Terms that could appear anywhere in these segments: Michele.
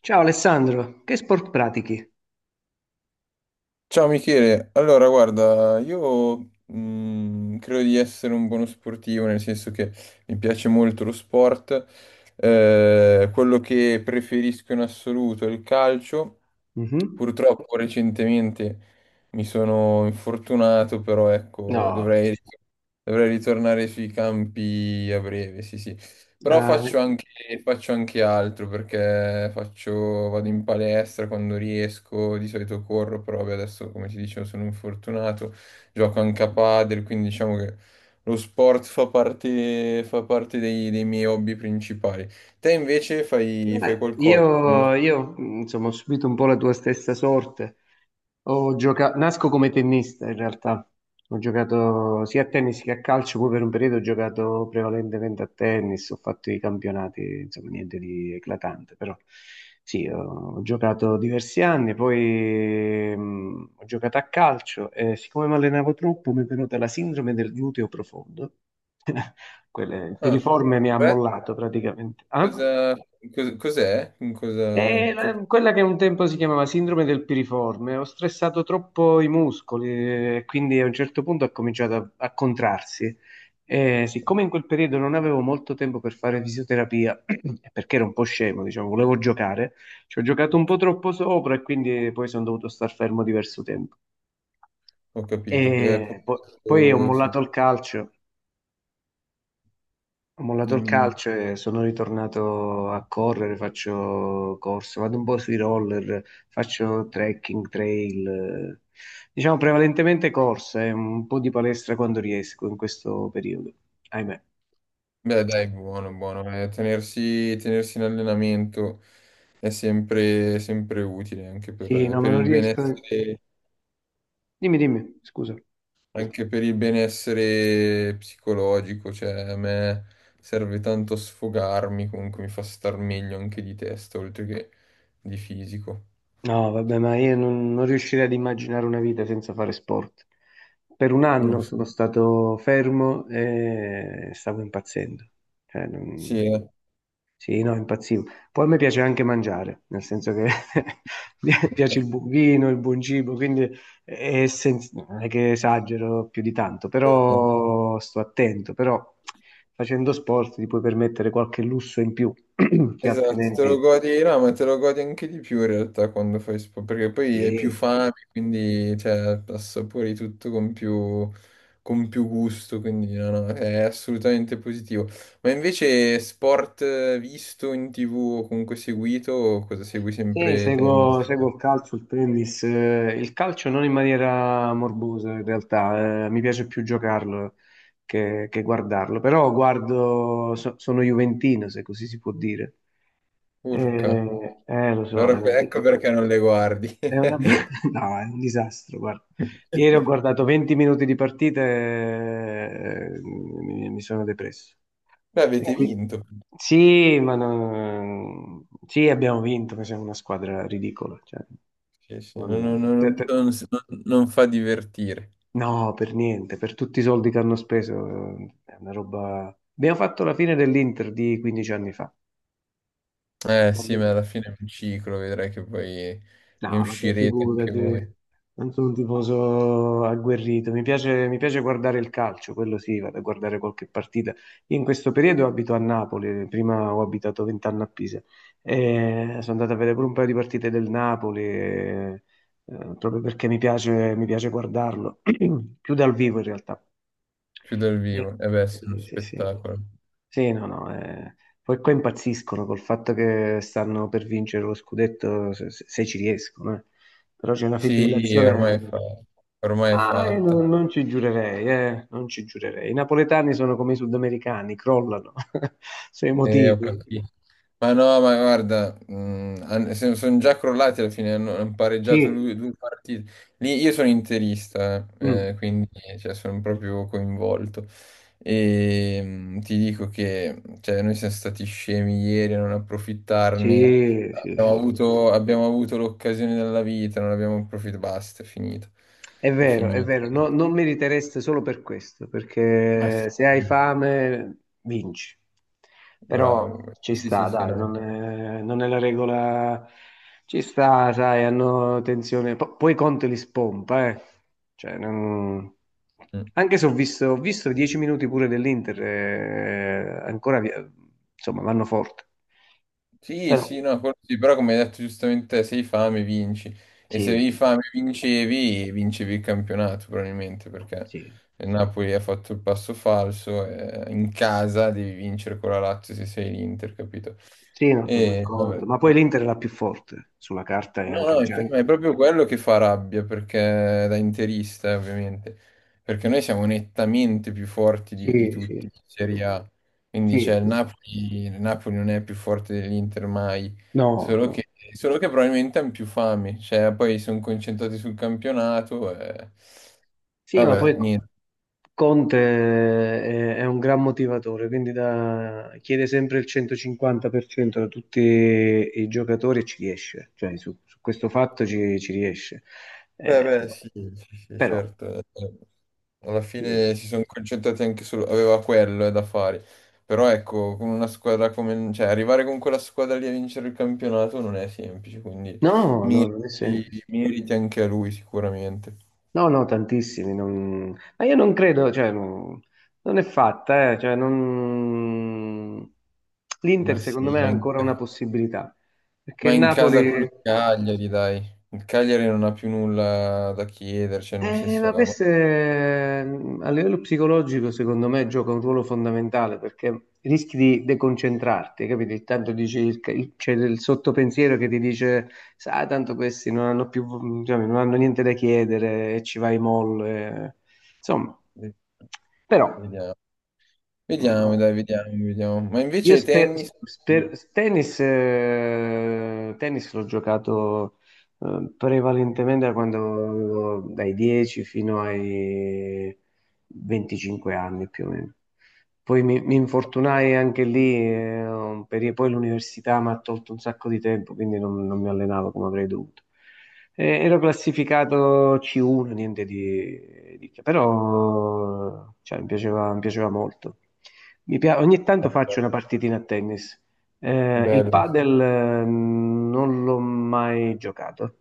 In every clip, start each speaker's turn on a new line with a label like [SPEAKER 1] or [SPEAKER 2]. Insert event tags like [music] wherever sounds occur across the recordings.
[SPEAKER 1] Ciao Alessandro, che sport pratichi?
[SPEAKER 2] Ciao Michele, allora guarda, io credo di essere un buono sportivo, nel senso che mi piace molto lo sport. Quello che preferisco in assoluto è il calcio,
[SPEAKER 1] Mhm.
[SPEAKER 2] purtroppo recentemente mi sono infortunato, però ecco,
[SPEAKER 1] No.
[SPEAKER 2] dovrei ritornare sui campi a breve, sì sì. Però
[SPEAKER 1] Ah,
[SPEAKER 2] faccio anche, Faccio anche altro perché faccio, vado in palestra quando riesco, di solito corro, però vabbè, adesso come ti dicevo sono infortunato, gioco anche a padel, quindi diciamo che lo sport fa parte dei miei hobby principali. Te invece fai
[SPEAKER 1] beh,
[SPEAKER 2] qualcosa?
[SPEAKER 1] io, io, mh, insomma, ho subito un po' la tua stessa sorte. Nasco come tennista in realtà, ho giocato sia a tennis che a calcio, poi per un periodo ho giocato prevalentemente a tennis, ho fatto i campionati, insomma niente di eclatante, però sì, ho giocato diversi anni, poi ho giocato a calcio e siccome mi allenavo troppo mi è venuta la sindrome del gluteo profondo. [laughs] Il
[SPEAKER 2] Ah,
[SPEAKER 1] piriforme mi ha
[SPEAKER 2] beh,
[SPEAKER 1] mollato praticamente. Ah?
[SPEAKER 2] cosa- cos'è?
[SPEAKER 1] È la- quella che un tempo si chiamava sindrome del piriforme. Ho stressato troppo i muscoli e quindi a un certo punto ha cominciato a contrarsi. E siccome in quel periodo non avevo molto tempo per fare fisioterapia, [clears throat] perché ero un po' scemo, diciamo, volevo giocare, ci ho giocato un po' troppo sopra e quindi poi sono dovuto star fermo diverso tempo.
[SPEAKER 2] Ho capito, che è
[SPEAKER 1] E po- poi
[SPEAKER 2] sì,
[SPEAKER 1] ho mollato il
[SPEAKER 2] dimmi.
[SPEAKER 1] calcio e sono ritornato a correre, faccio corse, vado un po' sui roller, faccio trekking, trail, diciamo prevalentemente corse, un po' di palestra quando riesco in questo periodo, ahimè.
[SPEAKER 2] Beh, dai, buono, buono. Tenersi in allenamento è sempre utile anche
[SPEAKER 1] Sì, no,
[SPEAKER 2] per
[SPEAKER 1] ma non
[SPEAKER 2] il
[SPEAKER 1] riesco.
[SPEAKER 2] benessere,
[SPEAKER 1] Dimmi, dimmi, scusa.
[SPEAKER 2] anche per il benessere psicologico. Cioè, a me serve tanto sfogarmi, comunque mi fa star meglio anche di testa, oltre che di fisico.
[SPEAKER 1] No, vabbè, ma io non, non riuscirei ad immaginare una vita senza fare sport. Per un
[SPEAKER 2] Mm.
[SPEAKER 1] anno sono stato fermo e stavo impazzendo. Cioè,
[SPEAKER 2] Sì,
[SPEAKER 1] non-
[SPEAKER 2] eh.
[SPEAKER 1] Sì, no, impazzivo. Poi a me piace anche mangiare, nel senso che [laughs] mi piace il buon vino, il buon cibo, quindi non è che esagero più di tanto,
[SPEAKER 2] Eh, eh.
[SPEAKER 1] però sto attento, però facendo sport ti puoi permettere qualche lusso in più, [clears throat] che
[SPEAKER 2] Esatto, te lo
[SPEAKER 1] altrimenti
[SPEAKER 2] godi, no, ma te lo godi anche di più in realtà quando fai sport, perché poi hai più
[SPEAKER 1] sì.
[SPEAKER 2] fame, quindi cioè, assapori tutto con più gusto, quindi no, no, è assolutamente positivo. Ma invece sport visto in TV o comunque seguito, o cosa segui
[SPEAKER 1] Sì,
[SPEAKER 2] sempre tennis?
[SPEAKER 1] seguo il calcio, il tennis, il calcio non in maniera morbosa in realtà, mi piace più giocarlo che guardarlo, però guardo, sono juventino se così si può dire.
[SPEAKER 2] Urca,
[SPEAKER 1] Lo so,
[SPEAKER 2] allora ecco perché non le guardi.
[SPEAKER 1] è una-
[SPEAKER 2] [laughs]
[SPEAKER 1] [laughs] no, è un disastro, guarda. Ieri ho guardato 20 minuti di partita e mi sono depresso.
[SPEAKER 2] Beh,
[SPEAKER 1] E
[SPEAKER 2] avete
[SPEAKER 1] qui-
[SPEAKER 2] vinto.
[SPEAKER 1] Sì, ma no- sì, abbiamo vinto, ma siamo una squadra ridicola. Cioè.
[SPEAKER 2] Sì, sì,
[SPEAKER 1] Non- per- per-
[SPEAKER 2] non fa divertire.
[SPEAKER 1] no, per niente, per tutti i soldi che hanno speso, è una roba. Abbiamo fatto la fine dell'Inter di 15 anni fa.
[SPEAKER 2] Eh
[SPEAKER 1] Vabbè.
[SPEAKER 2] sì, ma alla fine è un ciclo, vedrai che poi ne
[SPEAKER 1] No, vabbè,
[SPEAKER 2] uscirete anche voi,
[SPEAKER 1] figurati, non sono un tifoso agguerrito, mi piace guardare il calcio, quello sì, vado a guardare qualche partita. Io in questo periodo abito a Napoli, prima ho abitato 20 anni a Pisa, e sono andato a vedere pure un paio di partite del Napoli, proprio perché mi piace guardarlo, [clears throat] più dal vivo in realtà.
[SPEAKER 2] più dal vivo.
[SPEAKER 1] Eh,
[SPEAKER 2] E beh, sì, è uno
[SPEAKER 1] sì, sì, sì.
[SPEAKER 2] spettacolo.
[SPEAKER 1] Sì, no, no, poi qua impazziscono col fatto che stanno per vincere lo scudetto, se ci riescono, eh. Però c'è una
[SPEAKER 2] Sì, ormai è
[SPEAKER 1] fibrillazione.
[SPEAKER 2] fatta, ormai è
[SPEAKER 1] Ah,
[SPEAKER 2] fatta.
[SPEAKER 1] non ci giurerei, non ci giurerei. I napoletani sono come i sudamericani, crollano, [laughs] sono
[SPEAKER 2] E ho
[SPEAKER 1] emotivi.
[SPEAKER 2] capito. Ma no, ma guarda, sono già crollati alla fine, hanno
[SPEAKER 1] Sì,
[SPEAKER 2] due partite. Lì io sono interista,
[SPEAKER 1] mm,
[SPEAKER 2] quindi cioè, sono proprio coinvolto. E ti dico che cioè, noi siamo stati scemi ieri a non approfittarne.
[SPEAKER 1] sì, sì, sì.
[SPEAKER 2] Abbiamo avuto l'occasione della vita, non abbiamo approfittato. Basta, è finito. È
[SPEAKER 1] È
[SPEAKER 2] finito.
[SPEAKER 1] vero, non meritereste solo per questo,
[SPEAKER 2] Ma
[SPEAKER 1] perché
[SPEAKER 2] sì,
[SPEAKER 1] se hai fame vinci.
[SPEAKER 2] bravo.
[SPEAKER 1] Però ci
[SPEAKER 2] Sì, sì,
[SPEAKER 1] sta,
[SPEAKER 2] sì,
[SPEAKER 1] dai,
[SPEAKER 2] no.
[SPEAKER 1] non è la regola. Ci sta, sai, hanno tensione. Po- poi Conte li spompa, eh. Cioè, non-
[SPEAKER 2] Mm.
[SPEAKER 1] Anche se ho visto, ho visto 10 minuti pure dell'Inter, insomma, vanno forte.
[SPEAKER 2] Sì,
[SPEAKER 1] Però,
[SPEAKER 2] sì, no, quello sì, però come hai detto giustamente, te, se hai fame vinci e se
[SPEAKER 1] sì,
[SPEAKER 2] avevi
[SPEAKER 1] sì,
[SPEAKER 2] fame vincevi il campionato probabilmente perché
[SPEAKER 1] sì.
[SPEAKER 2] il Napoli ha fatto il passo falso e in casa devi vincere con la Lazio se sei l'Inter, capito?
[SPEAKER 1] Sì, no, sono
[SPEAKER 2] E vabbè,
[SPEAKER 1] d'accordo. Ma poi
[SPEAKER 2] ok.
[SPEAKER 1] l'Inter è la più forte sulla carta e
[SPEAKER 2] No,
[SPEAKER 1] anche
[SPEAKER 2] no,
[SPEAKER 1] in
[SPEAKER 2] il tema è
[SPEAKER 1] genere.
[SPEAKER 2] proprio quello che fa rabbia, perché da interista, ovviamente, perché noi siamo nettamente più forti di
[SPEAKER 1] Sì,
[SPEAKER 2] tutti
[SPEAKER 1] sì,
[SPEAKER 2] in Serie A, quindi
[SPEAKER 1] sì,
[SPEAKER 2] c'è
[SPEAKER 1] sì.
[SPEAKER 2] Il Napoli non è più forte dell'Inter mai,
[SPEAKER 1] No,
[SPEAKER 2] solo che,
[SPEAKER 1] no.
[SPEAKER 2] solo che probabilmente hanno più fame, cioè poi sono concentrati sul campionato, e
[SPEAKER 1] Sì, ma
[SPEAKER 2] vabbè,
[SPEAKER 1] poi
[SPEAKER 2] niente.
[SPEAKER 1] È un gran motivatore, quindi chiede sempre il 150% da tutti i giocatori e ci riesce. Cioè, su questo fatto ci riesce.
[SPEAKER 2] Beh, beh,
[SPEAKER 1] Però,
[SPEAKER 2] sì, sì, sì,
[SPEAKER 1] però-
[SPEAKER 2] certo. Alla fine si sono concentrati anche su, aveva quello da fare. Però ecco, con una squadra come, cioè, arrivare con quella squadra lì a vincere il campionato non è semplice, quindi
[SPEAKER 1] no, no, non è semplice.
[SPEAKER 2] meriti anche a lui sicuramente.
[SPEAKER 1] No, no, tantissimi, ma io non credo, non è fatta, l'Inter
[SPEAKER 2] Ma sì,
[SPEAKER 1] secondo me ha
[SPEAKER 2] ma in,
[SPEAKER 1] ancora una possibilità, perché
[SPEAKER 2] ma
[SPEAKER 1] il
[SPEAKER 2] in casa
[SPEAKER 1] Napoli,
[SPEAKER 2] col Cagliari, dai. Il Cagliari non ha più nulla da chiedere, cioè, nel senso,
[SPEAKER 1] ma
[SPEAKER 2] ormai.
[SPEAKER 1] a livello psicologico secondo me gioca un ruolo fondamentale, perché rischi di deconcentrarti, capito? Tanto dici, c'è il sottopensiero che ti dice, sai, tanto questi non hanno più, diciamo, non hanno niente da chiedere e ci vai molle, insomma, però.
[SPEAKER 2] Vediamo, vediamo, dai, vediamo. Ma
[SPEAKER 1] Io
[SPEAKER 2] invece
[SPEAKER 1] sper,
[SPEAKER 2] tennis.
[SPEAKER 1] sper-
[SPEAKER 2] Sì.
[SPEAKER 1] tennis, tennis l'ho giocato prevalentemente da quando avevo dai 10 fino ai 25 anni più o meno. Poi mi infortunai anche lì, poi l'università mi ha tolto un sacco di tempo, quindi non mi allenavo come avrei dovuto. Ero classificato C1, niente di che, però cioè, mi piaceva molto. Ogni tanto faccio una partitina a tennis. Il
[SPEAKER 2] Bello.
[SPEAKER 1] padel, non l'ho mai giocato.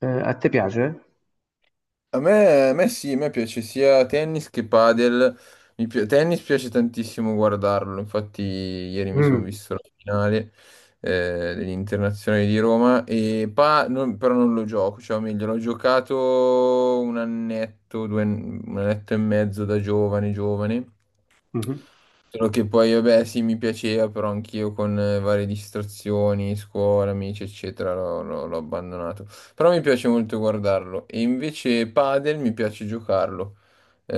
[SPEAKER 1] A te piace?
[SPEAKER 2] A me sì, a me piace sia tennis che padel. Tennis piace tantissimo guardarlo, infatti ieri mi sono
[SPEAKER 1] Mm.
[SPEAKER 2] visto la finale dell'Internazionale di Roma, e però non lo gioco, cioè o meglio, l'ho giocato un annetto, un annetto e mezzo da giovane.
[SPEAKER 1] Mhm.
[SPEAKER 2] Solo che poi, vabbè, sì, mi piaceva, però anch'io con varie distrazioni, scuola, amici, eccetera, l'ho abbandonato. Però mi piace molto guardarlo. E invece padel mi piace giocarlo. Eh,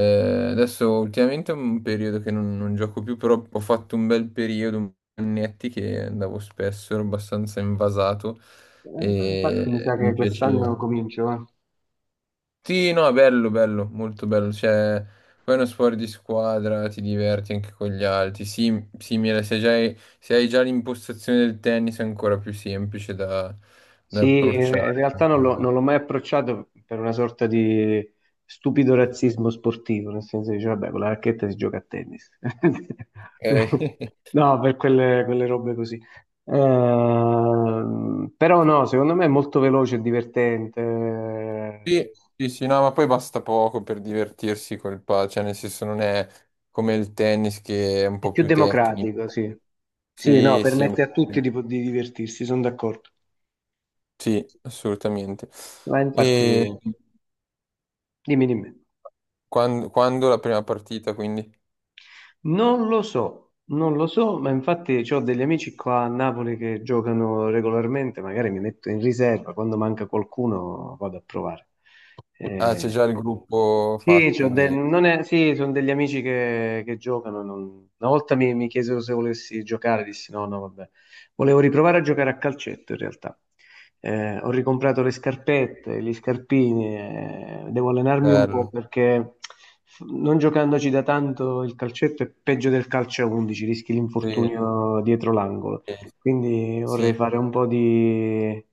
[SPEAKER 2] adesso ultimamente è un periodo che non gioco più, però ho fatto un bel periodo, un po' di annetti che andavo spesso, ero abbastanza invasato e
[SPEAKER 1] Infatti mi sa che
[SPEAKER 2] mi piaceva.
[SPEAKER 1] quest'anno comincio, eh.
[SPEAKER 2] Sì, no, è bello, bello, molto bello. Cioè, poi è uno sport di squadra, ti diverti anche con gli altri. Sì, simile, se hai già l'impostazione del tennis è ancora più semplice da
[SPEAKER 1] Sì, in
[SPEAKER 2] approcciare.
[SPEAKER 1] realtà non l'ho mai approcciato per una sorta di stupido razzismo sportivo, nel senso che dice, vabbè, con la racchetta si gioca a tennis.
[SPEAKER 2] Ok.
[SPEAKER 1] [laughs]
[SPEAKER 2] [laughs]
[SPEAKER 1] No, per quelle robe così. Però no, secondo me è molto veloce e divertente,
[SPEAKER 2] Sì, sì, sì, no, ma poi basta poco per divertirsi col padel, cioè nel senso non è come il tennis che è un
[SPEAKER 1] è
[SPEAKER 2] po'
[SPEAKER 1] più
[SPEAKER 2] più tecnico.
[SPEAKER 1] democratico, sì. Sì, no,
[SPEAKER 2] Sì, sì, è un
[SPEAKER 1] permette
[SPEAKER 2] po'
[SPEAKER 1] a tutti
[SPEAKER 2] più-
[SPEAKER 1] di divertirsi, sono d'accordo.
[SPEAKER 2] sì, assolutamente.
[SPEAKER 1] Ma infatti,
[SPEAKER 2] E
[SPEAKER 1] dimmi, dimmi.
[SPEAKER 2] quando, la prima partita, quindi?
[SPEAKER 1] Non lo so, non lo so, ma infatti ho degli amici qua a Napoli che giocano regolarmente, magari mi metto in riserva, quando manca qualcuno vado a provare.
[SPEAKER 2] Ah, c'è
[SPEAKER 1] Eh,
[SPEAKER 2] già il gruppo
[SPEAKER 1] sì,
[SPEAKER 2] fatto di.
[SPEAKER 1] non è- sì, sono degli amici che giocano. Una volta mi chiesero se volessi giocare, dissi no, no, vabbè. Volevo riprovare a giocare a calcetto in realtà. Ho ricomprato le scarpette, gli scarpini, devo allenarmi un po'
[SPEAKER 2] Bello.
[SPEAKER 1] perché non giocandoci da tanto il calcetto è peggio del calcio a 11, rischi
[SPEAKER 2] Sì,
[SPEAKER 1] l'infortunio dietro l'angolo.
[SPEAKER 2] sì,
[SPEAKER 1] Quindi
[SPEAKER 2] sì.
[SPEAKER 1] vorrei fare un po'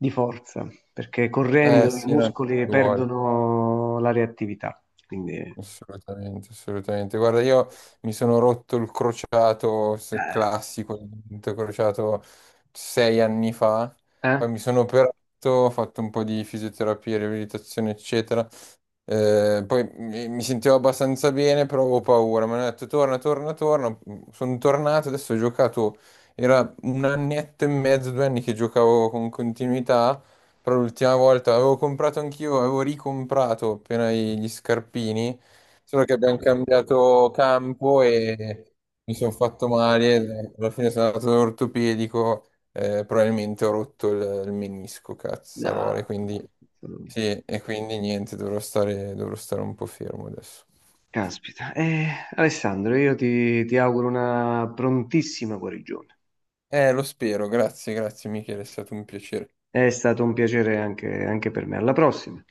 [SPEAKER 1] di forza perché correndo i
[SPEAKER 2] Sì, no, ci
[SPEAKER 1] muscoli
[SPEAKER 2] vuole.
[SPEAKER 1] perdono la reattività. Quindi, eh?
[SPEAKER 2] Assolutamente, assolutamente. Guarda, io mi sono rotto il crociato se classico, il dito crociato 6 anni fa.
[SPEAKER 1] Eh?
[SPEAKER 2] Poi mi sono operato, ho fatto un po' di fisioterapia, riabilitazione, eccetera. Poi mi sentivo abbastanza bene, però avevo paura. Mi hanno detto torna. Sono tornato, adesso ho giocato. Era un annetto e mezzo, 2 anni che giocavo con continuità. Però l'ultima volta avevo comprato anch'io, avevo ricomprato appena gli scarpini. Solo che abbiamo cambiato campo e mi sono fatto male. Alla fine sono andato all'ortopedico, probabilmente ho rotto il menisco,
[SPEAKER 1] No,
[SPEAKER 2] cazzarole.
[SPEAKER 1] no.
[SPEAKER 2] Quindi.
[SPEAKER 1] No.
[SPEAKER 2] Sì, e quindi niente, dovrò stare un po' fermo adesso.
[SPEAKER 1] Caspita. Alessandro, io ti auguro una prontissima guarigione.
[SPEAKER 2] Lo spero, grazie, grazie Michele, è stato un piacere.
[SPEAKER 1] È stato un piacere anche anche per me. Alla prossima.